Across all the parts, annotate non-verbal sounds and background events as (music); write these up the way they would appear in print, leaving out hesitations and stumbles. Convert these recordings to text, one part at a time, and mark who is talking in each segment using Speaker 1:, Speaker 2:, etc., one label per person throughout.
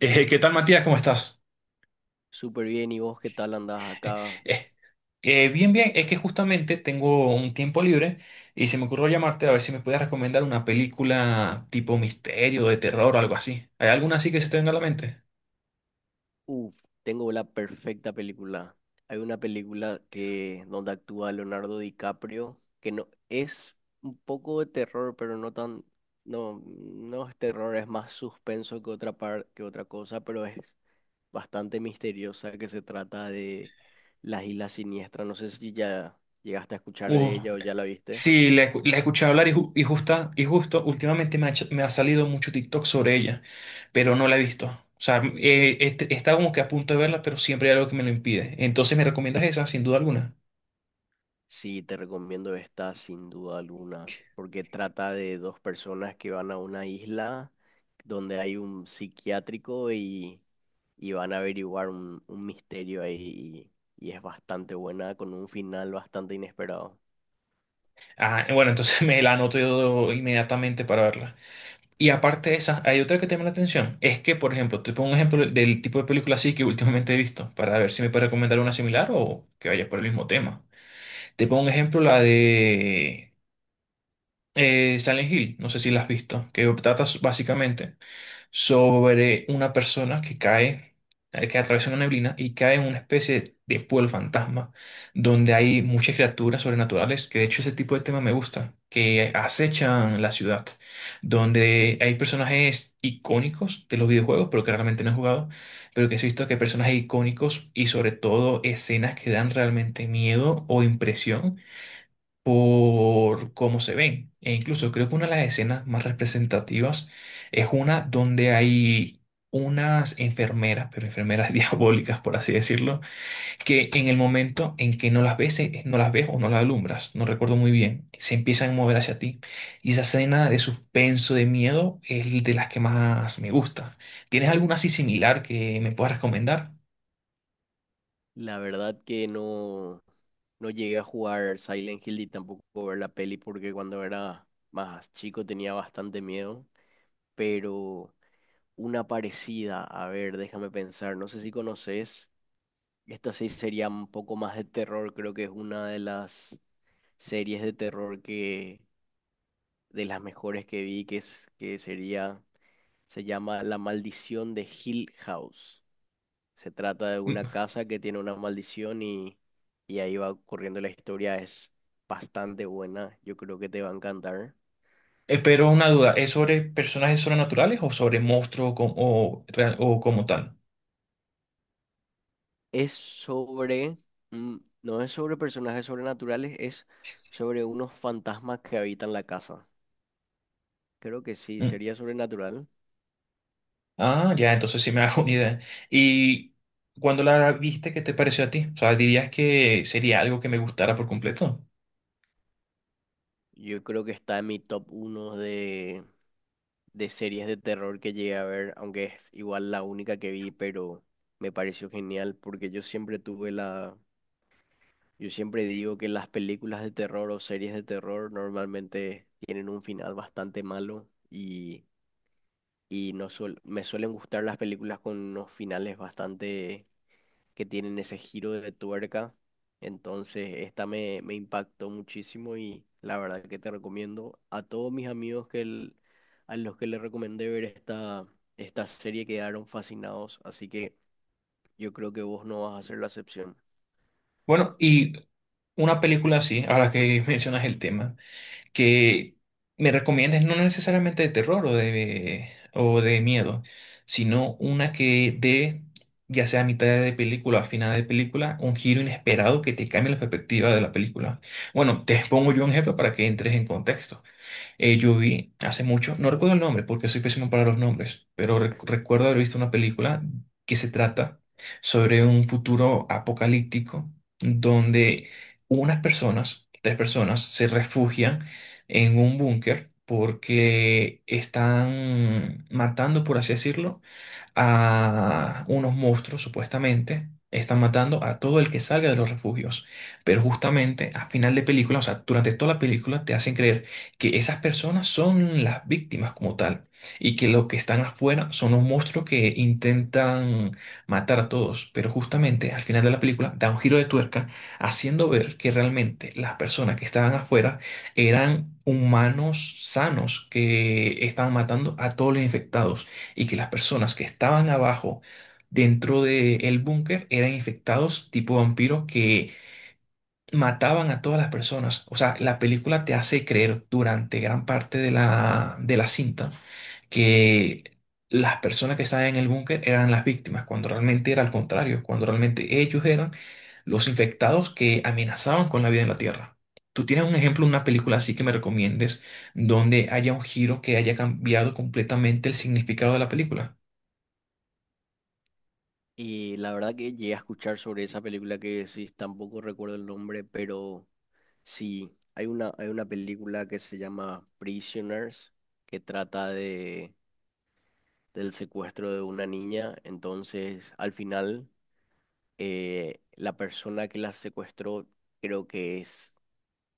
Speaker 1: ¿Qué tal, Matías? ¿Cómo estás?
Speaker 2: Súper bien, ¿y vos qué tal andás
Speaker 1: Eh,
Speaker 2: acá?
Speaker 1: eh, Bien, bien. Es que justamente tengo un tiempo libre y se me ocurrió llamarte a ver si me puedes recomendar una película tipo misterio, de terror o algo así. ¿Hay alguna así que se te venga a la mente?
Speaker 2: Uh, Tengo la perfecta película. Hay una película que donde actúa Leonardo DiCaprio, que no es un poco de terror, pero no tan, no, no es terror, es más suspenso que que otra cosa, pero es bastante misteriosa, que se trata de las Islas Siniestras. No sé si ya llegaste a escuchar
Speaker 1: Uh,
Speaker 2: de ella o ya la viste.
Speaker 1: sí, la escuché hablar y, justo últimamente me ha salido mucho TikTok sobre ella, pero no la he visto. O sea, está como que a punto de verla, pero siempre hay algo que me lo impide. Entonces, ¿me recomiendas esa, sin duda alguna?
Speaker 2: Sí, te recomiendo esta sin duda alguna, porque trata de dos personas que van a una isla donde hay un psiquiátrico y van a averiguar un misterio ahí y es bastante buena con un final bastante inesperado.
Speaker 1: Ah, bueno, entonces (laughs) me la anoto yo inmediatamente para verla. Y aparte de esas, hay otra que te llama la atención. Es que, por ejemplo, te pongo un ejemplo del tipo de película así que últimamente he visto, para ver si me puedes recomendar una similar o que vaya por el mismo tema. Te pongo un ejemplo, la de Silent Hill, no sé si la has visto, que trata básicamente sobre una persona que cae, que atraviesa una neblina y cae en una especie de pueblo fantasma, donde hay muchas criaturas sobrenaturales, que de hecho ese tipo de tema me gusta, que acechan la ciudad, donde hay personajes icónicos de los videojuegos, pero que realmente no he jugado, pero que sí he visto que hay personajes icónicos y sobre todo escenas que dan realmente miedo o impresión por cómo se ven. E incluso creo que una de las escenas más representativas es una donde hay unas enfermeras, pero enfermeras (laughs) diabólicas, por así decirlo, que en el momento en que no las ves, no las ves o no las alumbras, no recuerdo muy bien, se empiezan a mover hacia ti. Y esa escena de suspenso, de miedo, es de las que más me gusta. ¿Tienes alguna así similar que me puedas recomendar?
Speaker 2: La verdad que no, no llegué a jugar Silent Hill y tampoco ver la peli porque cuando era más chico tenía bastante miedo, pero una parecida, a ver, déjame pensar, no sé si conoces. Esta sí sería un poco más de terror, creo que es una de las series de terror que de las mejores que vi, que es que sería se llama La Maldición de Hill House. Se trata de
Speaker 1: Mm,
Speaker 2: una casa que tiene una maldición y ahí va corriendo la historia, es bastante buena, yo creo que te va a encantar.
Speaker 1: Pero una duda, ¿es sobre personajes sobrenaturales o sobre monstruos com- o real- o como tal?
Speaker 2: Es sobre mm, no es sobre personajes sobrenaturales, es sobre unos fantasmas que habitan la casa. Creo que sí,
Speaker 1: Mm.
Speaker 2: sería sobrenatural.
Speaker 1: Ah, ya, entonces sí me (laughs) hago una idea. ¿Y cuando la viste, qué te pareció a ti? O sea, ¿dirías que sería algo que me gustara por completo?
Speaker 2: Yo creo que está en mi top uno de series de terror que llegué a ver, aunque es igual la única que vi, pero me pareció genial porque yo siempre tuve la... Yo siempre digo que las películas de terror o series de terror normalmente tienen un final bastante malo y no suel- me suelen gustar las películas con unos finales bastante que tienen ese giro de tuerca. Entonces, me impactó muchísimo y la verdad que te recomiendo a todos mis amigos a los que les recomendé ver esta, esta serie quedaron fascinados, así que yo creo que vos no vas a ser la excepción.
Speaker 1: Bueno, y una película así, ahora que (laughs) mencionas el tema, que me recomiendes no necesariamente de terror o de miedo, sino una que dé, ya sea a mitad de película o a final de película, un giro inesperado que te cambie la perspectiva de la película. Bueno, te (laughs) pongo yo un ejemplo para que entres en contexto. Yo vi hace mucho, no recuerdo el nombre porque soy pésimo para los nombres, pero recuerdo haber visto una película que se trata sobre un futuro apocalíptico donde unas personas, tres personas, se refugian en un búnker porque están matando, por así decirlo, a unos monstruos, supuestamente. Están matando a todo el que salga de los refugios. Pero justamente a final de película, o sea, durante toda la película, te hacen creer que esas personas son las víctimas como tal. Y que lo que están afuera son los monstruos que intentan matar a todos. Pero justamente al final de la película da un giro de tuerca haciendo ver que realmente las personas que estaban afuera eran humanos sanos que estaban matando a todos los infectados y que las personas que estaban abajo dentro del búnker eran infectados tipo vampiros que mataban a todas las personas. O sea, la película te hace creer durante gran parte de la cinta que las personas que estaban en el búnker eran las víctimas, cuando realmente era al contrario, cuando realmente ellos eran los infectados que amenazaban con la vida en la Tierra. ¿Tú tienes un ejemplo, una película así que me recomiendes donde haya un giro que haya cambiado completamente el significado de la película?
Speaker 2: Y la verdad que llegué a escuchar sobre esa película que decís, tampoco recuerdo el nombre, pero sí, hay una película que se llama Prisoners, que trata de del secuestro de una niña. Entonces, al final, la persona que la secuestró, creo que es,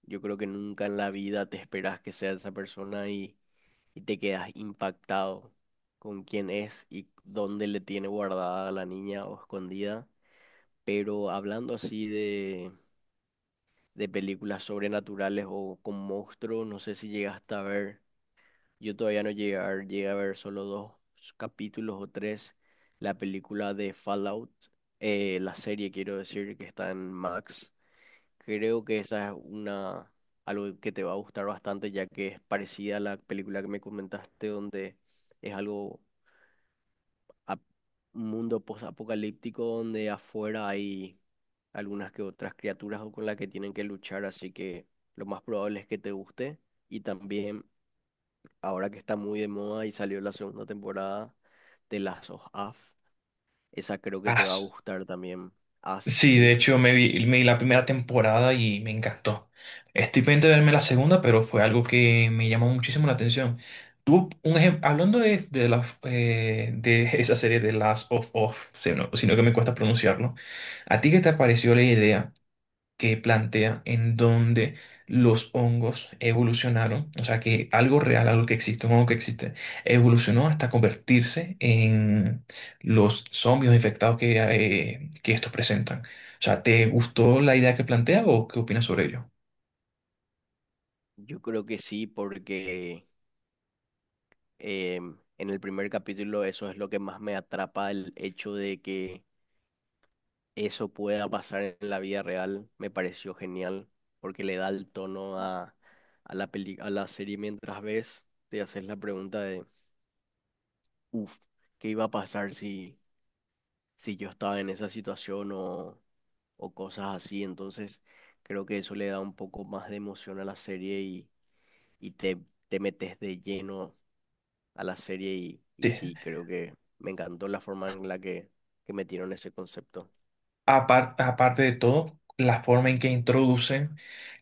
Speaker 2: yo creo que nunca en la vida te esperas que sea esa persona y te quedas impactado con quién es y dónde le tiene guardada a la niña o escondida. Pero hablando así de películas sobrenaturales o con monstruos, no sé si llegaste a ver. Yo todavía no llegué a ver, llegué a ver solo dos capítulos o tres. La película de Fallout, la serie quiero decir que está en Max. Creo que esa es una algo que te va a gustar bastante ya que es parecida a la película que me comentaste donde es algo ap- un mundo post-apocalíptico donde afuera hay algunas que otras criaturas con las que tienen que luchar, así que lo más probable es que te guste. Y también ahora que está muy de moda y salió la segunda temporada de Last of Us, esa creo que
Speaker 1: Ah,
Speaker 2: te va a
Speaker 1: s-
Speaker 2: gustar también. As,
Speaker 1: sí, de
Speaker 2: ¿sí?
Speaker 1: hecho me vi la primera temporada y me encantó. Estoy pendiente de verme la segunda, pero fue algo que me llamó muchísimo la atención. Tú, un ejemplo, hablando de esa serie de Last of Us, sino que me cuesta pronunciarlo, ¿a ti qué te pareció la idea que plantea en donde los hongos evolucionaron? O sea que algo real, algo que existe, un hongo que existe, evolucionó hasta convertirse en los zombies infectados que estos presentan. O sea, ¿te gustó la idea que plantea o qué opinas sobre ello?
Speaker 2: Yo creo que sí, porque en el primer capítulo eso es lo que más me atrapa, el hecho de que eso pueda pasar en la vida real, me pareció genial, porque le da el tono a la peli, a la serie mientras ves, te haces la pregunta de, uff, ¿qué iba a pasar si yo estaba en esa situación o cosas así? Entonces, creo que eso le da un poco más de emoción a la serie y te, te metes de lleno a la serie y
Speaker 1: Sí.
Speaker 2: sí, creo que me encantó la forma en la que metieron ese concepto.
Speaker 1: Aparte de todo, la forma en que introducen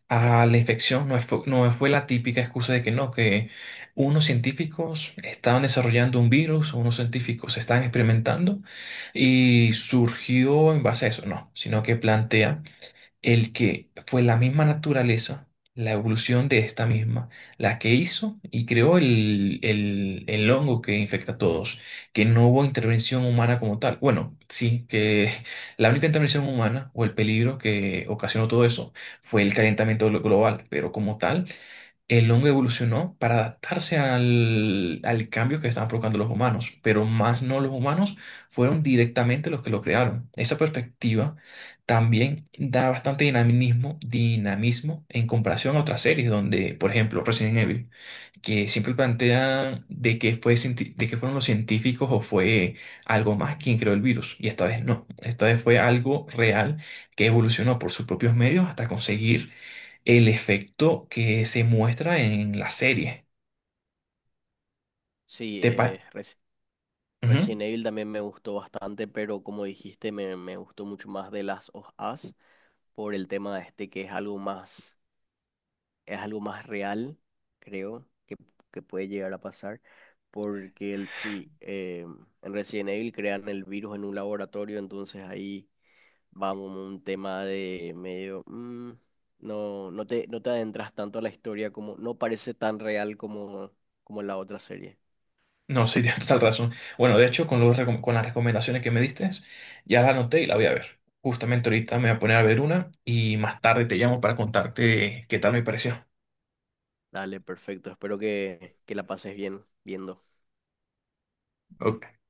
Speaker 1: a la infección no fue, no fue la típica excusa de que no, que unos científicos estaban desarrollando un virus, unos científicos estaban experimentando y surgió en base a eso, no, sino que plantea el que fue la misma naturaleza, la evolución de esta misma, la que hizo y creó el hongo que infecta a todos, que no hubo intervención humana como tal. Bueno, sí, que (laughs) la única intervención humana o el peligro que ocasionó todo eso fue el calentamiento global, pero como tal, el hongo evolucionó para adaptarse al cambio que estaban provocando los humanos, pero más no los humanos fueron directamente los que lo crearon. Esa perspectiva también da bastante dinamismo, dinamismo en comparación a otras series donde, por ejemplo, Resident Evil, que siempre plantean de que fue, de que fueron los científicos o fue algo más quien creó el virus. Y esta vez no. Esta vez fue algo real que evolucionó por sus propios medios hasta conseguir el efecto que se muestra en la serie.
Speaker 2: Sí,
Speaker 1: ¿Te pa- Ujú.
Speaker 2: Resident Evil también me gustó bastante, pero como dijiste, me gustó mucho más de las of Us por el tema este que es algo más real, creo, que puede llegar a pasar, porque el, sí, en Resident Evil crean el virus en un laboratorio, entonces ahí vamos a un tema de medio, no, no te adentras tanto a la historia como, no parece tan real como, como en la otra serie.
Speaker 1: No, sí, (laughs) tienes total razón. Bueno, de hecho, con las recomendaciones que me diste, ya la anoté y la voy a ver. Justamente ahorita me voy a poner a ver una y más tarde te llamo para contarte qué tal me pareció.
Speaker 2: Dale, perfecto, espero que la pases bien viendo.
Speaker 1: Ok.